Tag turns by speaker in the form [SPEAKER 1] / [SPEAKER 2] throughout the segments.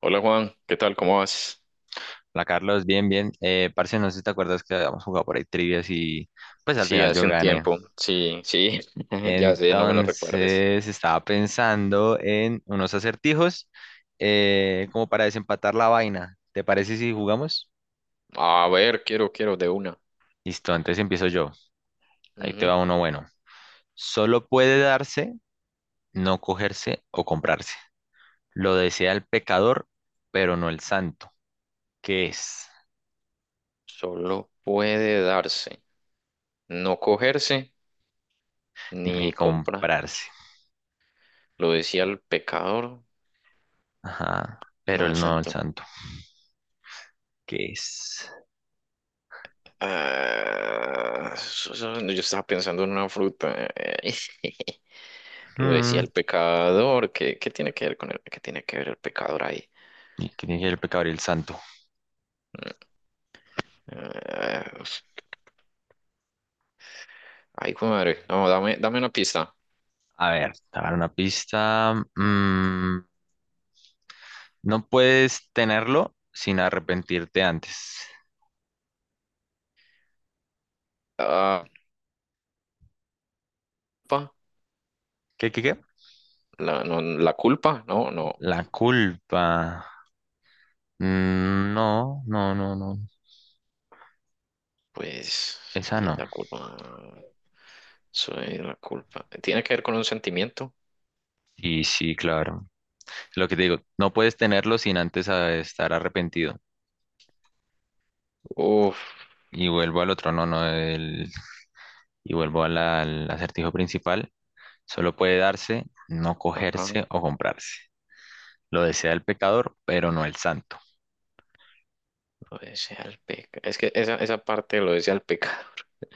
[SPEAKER 1] Hola Juan, ¿qué tal? ¿Cómo vas?
[SPEAKER 2] Hola Carlos, bien, bien. Parce, no sé si te acuerdas que habíamos jugado por ahí trivias y pues al
[SPEAKER 1] Sí,
[SPEAKER 2] final yo
[SPEAKER 1] hace un
[SPEAKER 2] gané.
[SPEAKER 1] tiempo. Sí, sí, ya sé, no me lo recuerdes.
[SPEAKER 2] Entonces estaba pensando en unos acertijos como para desempatar la vaina. ¿Te parece si jugamos?
[SPEAKER 1] A ver, quiero de una.
[SPEAKER 2] Listo, entonces empiezo yo. Ahí te
[SPEAKER 1] Ujú.
[SPEAKER 2] va uno bueno. Solo puede darse, no cogerse o comprarse. Lo desea el pecador, pero no el santo. ¿Qué es?
[SPEAKER 1] Solo puede darse, no cogerse
[SPEAKER 2] Ni
[SPEAKER 1] ni comprar.
[SPEAKER 2] comprarse.
[SPEAKER 1] Lo decía el pecador,
[SPEAKER 2] Ajá, pero
[SPEAKER 1] no el
[SPEAKER 2] el no el
[SPEAKER 1] santo.
[SPEAKER 2] santo. ¿Qué es?
[SPEAKER 1] Ah, yo estaba pensando en una fruta. Lo decía
[SPEAKER 2] Hmm.
[SPEAKER 1] el pecador. ¿Qué, qué tiene que ver qué tiene que ver el pecador ahí?
[SPEAKER 2] ¿Qué tiene que ver el pecador y el santo?
[SPEAKER 1] Mm, Ah, ay, hijo de madre. No, dame una pista.
[SPEAKER 2] A ver, te voy a dar una pista. No puedes tenerlo sin arrepentirte antes.
[SPEAKER 1] La culpa.
[SPEAKER 2] ¿Qué?
[SPEAKER 1] La culpa, no, no,
[SPEAKER 2] La culpa. Mm, no, no, no, no.
[SPEAKER 1] pues
[SPEAKER 2] Esa
[SPEAKER 1] y
[SPEAKER 2] no.
[SPEAKER 1] la culpa, soy la culpa. ¿Tiene que ver con un sentimiento?
[SPEAKER 2] Y sí, claro. Lo que te digo, no puedes tenerlo sin antes estar arrepentido.
[SPEAKER 1] Uf,
[SPEAKER 2] Y vuelvo al otro, no, no, y vuelvo al acertijo principal. Solo puede darse, no
[SPEAKER 1] ajá,
[SPEAKER 2] cogerse o comprarse. Lo desea el pecador, pero no el santo.
[SPEAKER 1] lo desea el pecado. Es que esa parte lo desea el pecador.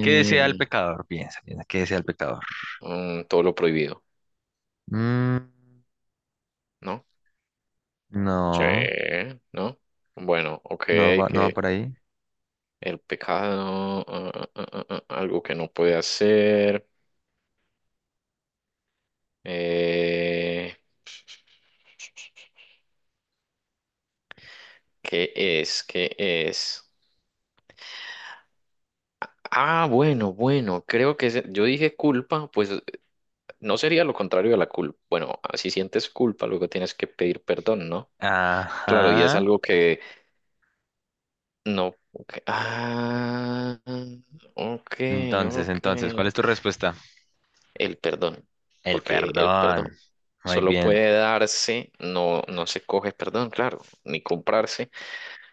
[SPEAKER 2] ¿Qué desea el pecador? Piensa, piensa, ¿qué desea el pecador?
[SPEAKER 1] todo lo prohibido,
[SPEAKER 2] Mm,
[SPEAKER 1] ¿no? Sí,
[SPEAKER 2] no,
[SPEAKER 1] ¿no? Bueno, ok,
[SPEAKER 2] no va
[SPEAKER 1] que
[SPEAKER 2] por ahí.
[SPEAKER 1] el pecado. Algo que no puede hacer. eh, ¿Qué es? ¿Qué es? Ah, bueno, bueno, creo que yo dije culpa. No sería lo contrario de la culpa. Bueno, si sientes culpa, luego tienes que pedir perdón, ¿no? Claro, y es
[SPEAKER 2] Ajá.
[SPEAKER 1] algo que no. Ok. Ok,
[SPEAKER 2] Entonces,
[SPEAKER 1] ok.
[SPEAKER 2] entonces, ¿cuál es tu respuesta?
[SPEAKER 1] El perdón,
[SPEAKER 2] El
[SPEAKER 1] porque el perdón
[SPEAKER 2] perdón. Muy
[SPEAKER 1] solo
[SPEAKER 2] bien.
[SPEAKER 1] puede darse, no, no se coge perdón, claro, ni comprarse.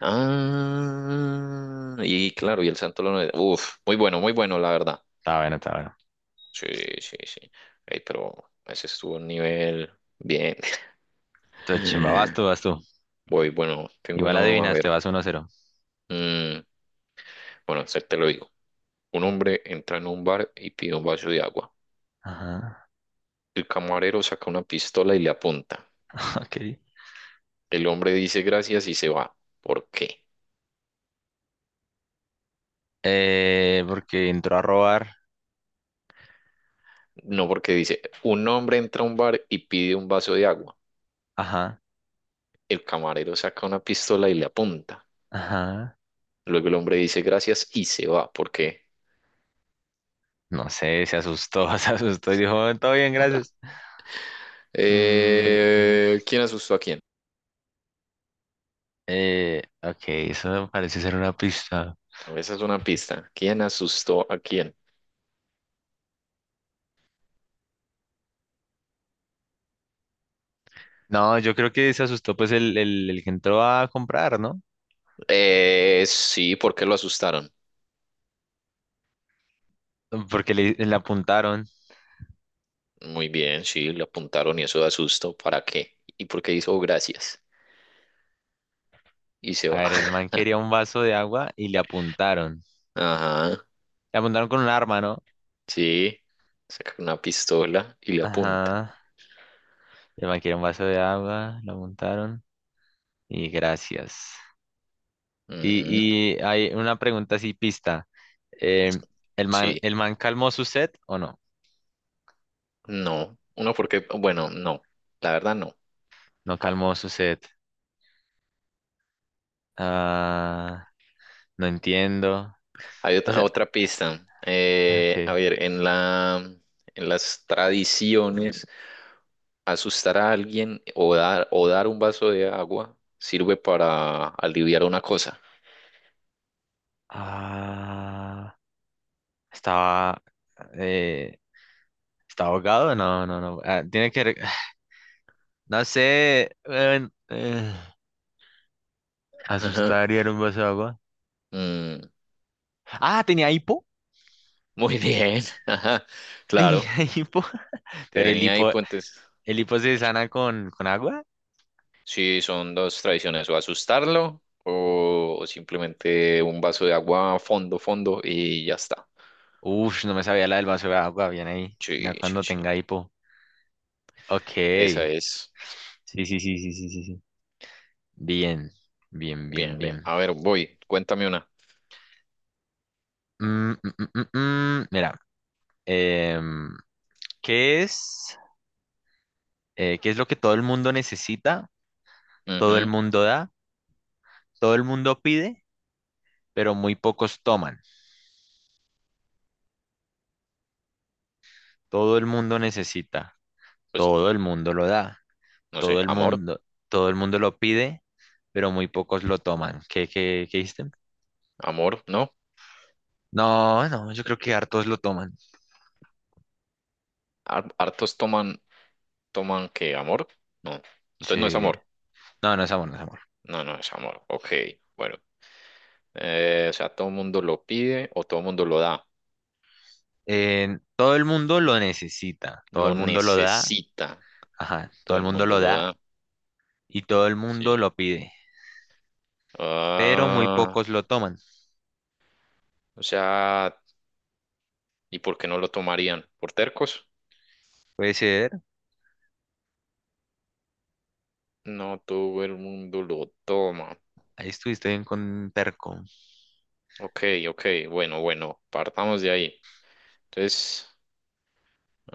[SPEAKER 1] Ah, y claro, y el santo lo. Uf, muy bueno, muy bueno, la verdad.
[SPEAKER 2] Está bueno, está bueno.
[SPEAKER 1] Sí, sí, sí. Ey, pero ese estuvo un nivel bien.
[SPEAKER 2] Entonces, chimba, vas tú, vas tú.
[SPEAKER 1] Voy, bueno, tengo
[SPEAKER 2] Igual
[SPEAKER 1] uno, a ver.
[SPEAKER 2] adivinaste, vas 1-0.
[SPEAKER 1] Mm, bueno, este te lo digo. Un hombre entra en un bar y pide un vaso de agua.
[SPEAKER 2] Ajá.
[SPEAKER 1] El camarero saca una pistola y le apunta.
[SPEAKER 2] Ok.
[SPEAKER 1] El hombre dice gracias y se va. ¿Por qué?
[SPEAKER 2] Porque entró a robar.
[SPEAKER 1] No, porque dice, un hombre entra a un bar y pide un vaso de agua.
[SPEAKER 2] Ajá.
[SPEAKER 1] El camarero saca una pistola y le apunta.
[SPEAKER 2] Ajá.
[SPEAKER 1] Luego el hombre dice gracias y se va. ¿Por qué?
[SPEAKER 2] No sé, se asustó, se asustó y dijo, todo bien, gracias. Mm,
[SPEAKER 1] ¿Quién asustó a quién?
[SPEAKER 2] ok, eso parece ser una pista.
[SPEAKER 1] No, esa es una pista. ¿Quién asustó a quién?
[SPEAKER 2] No, yo creo que se asustó pues el que entró a comprar, ¿no?
[SPEAKER 1] Sí, ¿por qué lo asustaron?
[SPEAKER 2] Porque le apuntaron.
[SPEAKER 1] Muy bien, sí, le apuntaron y eso de asusto. ¿Para qué? ¿Y por qué hizo gracias? Y se
[SPEAKER 2] A
[SPEAKER 1] va.
[SPEAKER 2] ver, el man quería un vaso de agua y le apuntaron.
[SPEAKER 1] Ajá,
[SPEAKER 2] Le apuntaron con un arma, ¿no?
[SPEAKER 1] sí. Saca una pistola y le apunta.
[SPEAKER 2] Ajá. El man quería un vaso de agua, le apuntaron. Y gracias. Y,
[SPEAKER 1] Ujú.
[SPEAKER 2] y hay una pregunta así, pista.
[SPEAKER 1] Es-
[SPEAKER 2] Em, ¿el man,
[SPEAKER 1] Sí,
[SPEAKER 2] el man calmó su sed o no?
[SPEAKER 1] no. Uno porque, bueno, no. La verdad no.
[SPEAKER 2] No calmó su sed. Ah, no entiendo.
[SPEAKER 1] Hay
[SPEAKER 2] O
[SPEAKER 1] otra,
[SPEAKER 2] sea,
[SPEAKER 1] otra pista. A
[SPEAKER 2] ok.
[SPEAKER 1] ver, en las tradiciones. Asustar a alguien o dar un vaso de agua sirve para aliviar una cosa.
[SPEAKER 2] Ah, estaba. eh, ¿Está ahogado? No, no, no. Ah, tiene que. No sé.
[SPEAKER 1] Ajá.
[SPEAKER 2] Asustar y dar un vaso de agua.
[SPEAKER 1] Mm,
[SPEAKER 2] Ah, tenía hipo.
[SPEAKER 1] muy bien. Ajá. Claro,
[SPEAKER 2] Tenía hipo. Pero el
[SPEAKER 1] tenía ahí
[SPEAKER 2] hipo,
[SPEAKER 1] puentes.
[SPEAKER 2] el hipo se sana con agua.
[SPEAKER 1] Sí, son dos tradiciones, o asustarlo o simplemente un vaso de agua a fondo, fondo y ya está.
[SPEAKER 2] Uf, no me sabía la del vaso de agua. Bien ahí.
[SPEAKER 1] Sí,
[SPEAKER 2] Ya
[SPEAKER 1] sí,
[SPEAKER 2] cuando
[SPEAKER 1] sí.
[SPEAKER 2] tenga hipo. Ok.
[SPEAKER 1] Esa es.
[SPEAKER 2] Sí, sí, sí, sí, sí, sí. Sí. Bien. Bien, bien,
[SPEAKER 1] Bien, bien.
[SPEAKER 2] bien.
[SPEAKER 1] A ver, voy. Cuéntame una.
[SPEAKER 2] Mm. Mira. em, ¿Qué es? ¿Qué es lo que todo el mundo necesita? Todo el
[SPEAKER 1] Ujú.
[SPEAKER 2] mundo da. Todo el mundo pide pero muy pocos toman. Todo el mundo necesita,
[SPEAKER 1] Pues,
[SPEAKER 2] todo el mundo lo da,
[SPEAKER 1] no sé,
[SPEAKER 2] todo el
[SPEAKER 1] amor,
[SPEAKER 2] mundo, todo el mundo lo pide, pero muy pocos lo toman. ¿Qué hiciste?
[SPEAKER 1] amor, ¿no?
[SPEAKER 2] No, no, yo creo que hartos lo toman.
[SPEAKER 1] Har- Hartos toman toman que amor. No. Entonces no es
[SPEAKER 2] Sí.
[SPEAKER 1] amor.
[SPEAKER 2] No, no es amor, no es amor.
[SPEAKER 1] No, no es amor. Ok, bueno. O sea, todo el mundo lo pide o todo el mundo lo da.
[SPEAKER 2] Todo el mundo lo necesita, todo el
[SPEAKER 1] Lo
[SPEAKER 2] mundo lo da,
[SPEAKER 1] necesita.
[SPEAKER 2] ajá, todo
[SPEAKER 1] Todo
[SPEAKER 2] el
[SPEAKER 1] el
[SPEAKER 2] mundo
[SPEAKER 1] mundo
[SPEAKER 2] lo
[SPEAKER 1] lo
[SPEAKER 2] da
[SPEAKER 1] da.
[SPEAKER 2] y todo el mundo
[SPEAKER 1] Sí.
[SPEAKER 2] lo pide, pero muy
[SPEAKER 1] Ah,
[SPEAKER 2] pocos lo toman.
[SPEAKER 1] o sea, ¿y por qué no lo tomarían? ¿Por tercos?
[SPEAKER 2] Puede ser,
[SPEAKER 1] No, todo el mundo lo toma.
[SPEAKER 2] ahí estuviste bien con Perco.
[SPEAKER 1] Ok, ok, bueno, bueno, partamos de ahí. Entonces,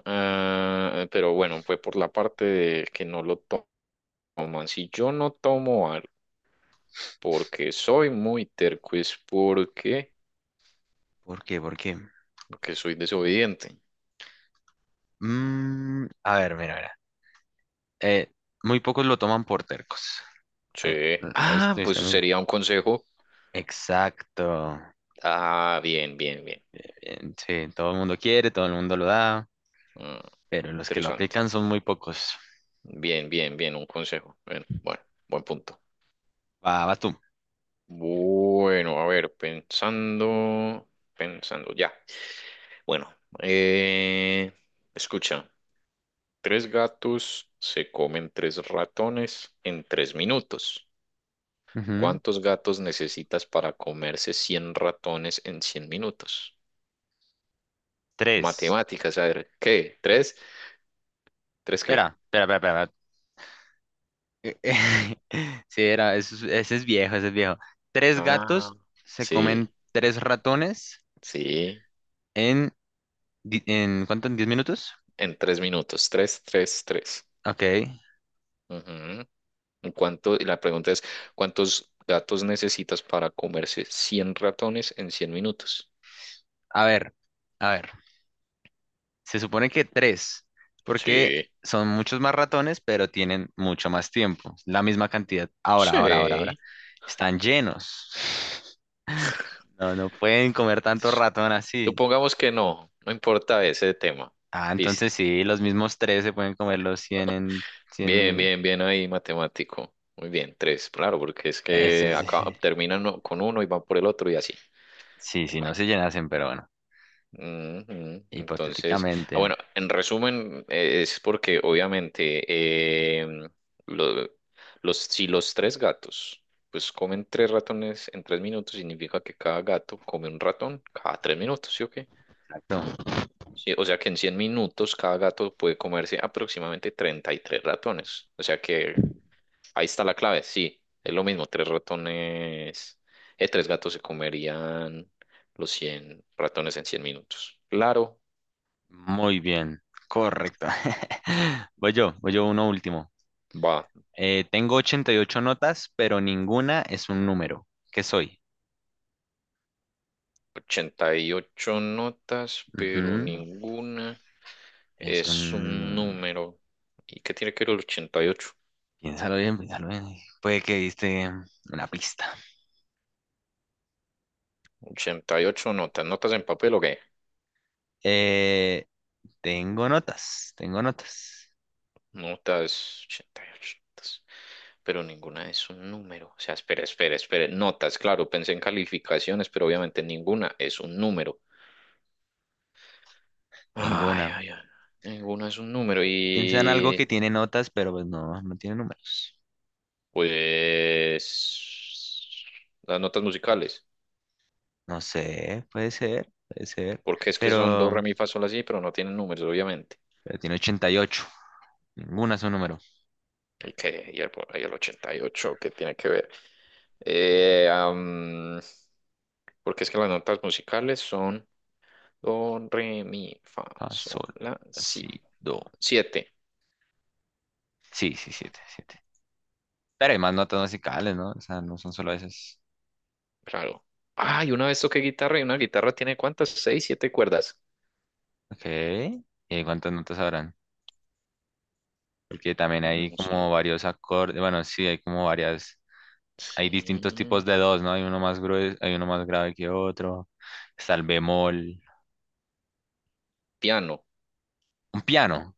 [SPEAKER 1] ah, pero bueno, fue por la parte de que no lo toman. Si yo no tomo algo, porque soy muy terco, es porque,
[SPEAKER 2] ¿Por qué? ¿Por qué?
[SPEAKER 1] porque soy desobediente.
[SPEAKER 2] A ver, mira, mira. Eh, Muy pocos lo toman por tercos. Ahí,
[SPEAKER 1] Sí.
[SPEAKER 2] ahí
[SPEAKER 1] Ah,
[SPEAKER 2] estoy,
[SPEAKER 1] pues sería un consejo.
[SPEAKER 2] Exacto.
[SPEAKER 1] Ah, bien, bien, bien.
[SPEAKER 2] Sí, todo el mundo quiere, todo el mundo lo da,
[SPEAKER 1] Mm,
[SPEAKER 2] pero los que lo
[SPEAKER 1] interesante.
[SPEAKER 2] aplican son muy pocos.
[SPEAKER 1] Bien, bien, bien, un consejo. Bien, bueno, buen punto.
[SPEAKER 2] Va, va tú.
[SPEAKER 1] Bueno, a ver, pensando, pensando, ya. Bueno, eh, escucha, tres gatos se comen tres ratones en tres minutos.
[SPEAKER 2] Ujú.
[SPEAKER 1] ¿Cuántos gatos necesitas para comerse 100 ratones en 100 minutos?
[SPEAKER 2] Tres.
[SPEAKER 1] Matemáticas, a ver, ¿qué? ¿Tres? ¿Tres
[SPEAKER 2] Espera,
[SPEAKER 1] qué?
[SPEAKER 2] espera, espera, espera. Sí, era, ese es viejo, ese es viejo. Tres
[SPEAKER 1] Ah,
[SPEAKER 2] gatos se
[SPEAKER 1] sí,
[SPEAKER 2] comen tres ratones
[SPEAKER 1] sí,
[SPEAKER 2] en, en ¿cuánto? ¿En 10 minutos?
[SPEAKER 1] en tres minutos. Tres, tres, tres.
[SPEAKER 2] Ok.
[SPEAKER 1] Ujú. Y la pregunta es, ¿cuántos gatos necesitas para comerse 100 ratones en 100 minutos?
[SPEAKER 2] A ver, a ver. Se supone que tres, porque
[SPEAKER 1] Sí,
[SPEAKER 2] son muchos más ratones, pero tienen mucho más tiempo, la misma cantidad. Ahora, ahora, ahora, ahora.
[SPEAKER 1] sí.
[SPEAKER 2] Están llenos. No, no pueden comer tanto ratón así.
[SPEAKER 1] Supongamos que no, no importa ese tema.
[SPEAKER 2] Ah, entonces
[SPEAKER 1] Listo.
[SPEAKER 2] sí, los mismos tres se pueden comer los 100 en cien
[SPEAKER 1] Bien,
[SPEAKER 2] mil.
[SPEAKER 1] bien, bien ahí, matemático. Muy bien, tres, claro, porque es
[SPEAKER 2] Ese
[SPEAKER 1] que
[SPEAKER 2] sí, sí,
[SPEAKER 1] acá
[SPEAKER 2] sí,
[SPEAKER 1] terminan con uno y van por el otro y así.
[SPEAKER 2] sí, sí, no se llenasen, pero bueno,
[SPEAKER 1] Bueno, ujú, entonces, ah,
[SPEAKER 2] hipotéticamente.
[SPEAKER 1] bueno, en resumen, es porque obviamente em, lo- los, si los tres gatos pues comen tres ratones en tres minutos, significa que cada gato come un ratón cada tres minutos, ¿sí o qué?
[SPEAKER 2] Exacto.
[SPEAKER 1] Sí, o sea que en 100 minutos cada gato puede comerse aproximadamente 33 ratones. O sea que ahí está la clave, sí, es lo mismo, tres ratones, tres gatos se comerían los 100 ratones en 100 minutos. Claro,
[SPEAKER 2] Muy bien, correcto. Voy yo uno último.
[SPEAKER 1] va,
[SPEAKER 2] Tengo 88 notas, pero ninguna es un número. ¿Qué soy?
[SPEAKER 1] 88 notas, pero
[SPEAKER 2] Ujú.
[SPEAKER 1] ninguna
[SPEAKER 2] Es
[SPEAKER 1] es un
[SPEAKER 2] un.
[SPEAKER 1] número. ¿Y qué tiene que ver el 88?
[SPEAKER 2] Piénsalo bien, piénsalo bien. Puede que diste una pista.
[SPEAKER 1] ¿Ochenta y ocho notas, notas en papel o qué?
[SPEAKER 2] Eh, Tengo notas, tengo notas.
[SPEAKER 1] Notas, 88 notas, pero ninguna es un número. O sea, espera, espera, espera, notas, claro, pensé en calificaciones, pero obviamente ninguna es un número. Ay,
[SPEAKER 2] Ninguna.
[SPEAKER 1] ay, ay. Ninguno es un número.
[SPEAKER 2] Piensa en algo que
[SPEAKER 1] Y
[SPEAKER 2] tiene notas, pero pues no, no tiene números.
[SPEAKER 1] pues las notas musicales.
[SPEAKER 2] No sé, puede ser, puede ser.
[SPEAKER 1] Porque es que son do,
[SPEAKER 2] Pero,
[SPEAKER 1] re, mi, fa, sol, así, pero no tienen números, obviamente.
[SPEAKER 2] pero tiene 88. Ninguna es un número.
[SPEAKER 1] Y el 88, ¿qué tiene que ver? Eh, am, porque es que las notas musicales son do, re, mi, fa,
[SPEAKER 2] Ah,
[SPEAKER 1] sol,
[SPEAKER 2] sol,
[SPEAKER 1] la, si.
[SPEAKER 2] así, do.
[SPEAKER 1] Siete,
[SPEAKER 2] Sí, sí, siete, siete. Pero hay más notas musicales, ¿no? O sea, no son solo esas.
[SPEAKER 1] claro. Ay, una vez toqué guitarra y una guitarra tiene ¿cuántas? Seis, siete cuerdas.
[SPEAKER 2] Ok. ¿Y cuántas notas habrán? Porque también hay
[SPEAKER 1] No sé.
[SPEAKER 2] como varios acordes. Bueno, sí, hay como varias. Hay distintos
[SPEAKER 1] Sí.
[SPEAKER 2] tipos de dos, ¿no? Hay uno más grueso, hay uno más grave que otro. Está el bemol.
[SPEAKER 1] Piano,
[SPEAKER 2] Un piano.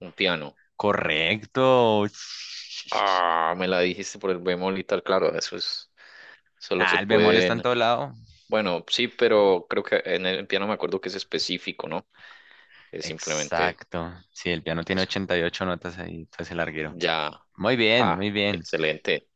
[SPEAKER 1] un piano.
[SPEAKER 2] Correcto.
[SPEAKER 1] Ah, me la dijiste por el bemol y tal, claro, eso es, solo
[SPEAKER 2] Ah,
[SPEAKER 1] se
[SPEAKER 2] el bemol está en
[SPEAKER 1] pueden,
[SPEAKER 2] todo lado.
[SPEAKER 1] bueno, sí, pero creo que en el piano me acuerdo que es específico, ¿no? Es simplemente
[SPEAKER 2] Exacto. Sí, el piano tiene
[SPEAKER 1] eso.
[SPEAKER 2] 88 notas ahí, entonces el larguero.
[SPEAKER 1] Ya,
[SPEAKER 2] Muy bien, muy
[SPEAKER 1] ja,
[SPEAKER 2] bien.
[SPEAKER 1] excelente.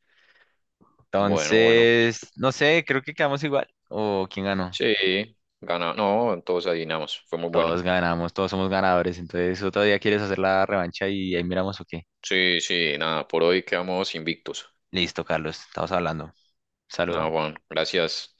[SPEAKER 1] Bueno, bueno,
[SPEAKER 2] Entonces, no sé, creo que quedamos igual. ¿O quién ganó?
[SPEAKER 1] sí, gana, no, entonces adivinamos, fue muy bueno.
[SPEAKER 2] Todos ganamos, todos somos ganadores. Entonces, otro día quieres hacer la revancha y ahí miramos o qué.
[SPEAKER 1] Sí, sí, nada, por hoy quedamos invictos.
[SPEAKER 2] Listo, Carlos, estamos hablando.
[SPEAKER 1] Nada,
[SPEAKER 2] Saludos.
[SPEAKER 1] Juan, gracias.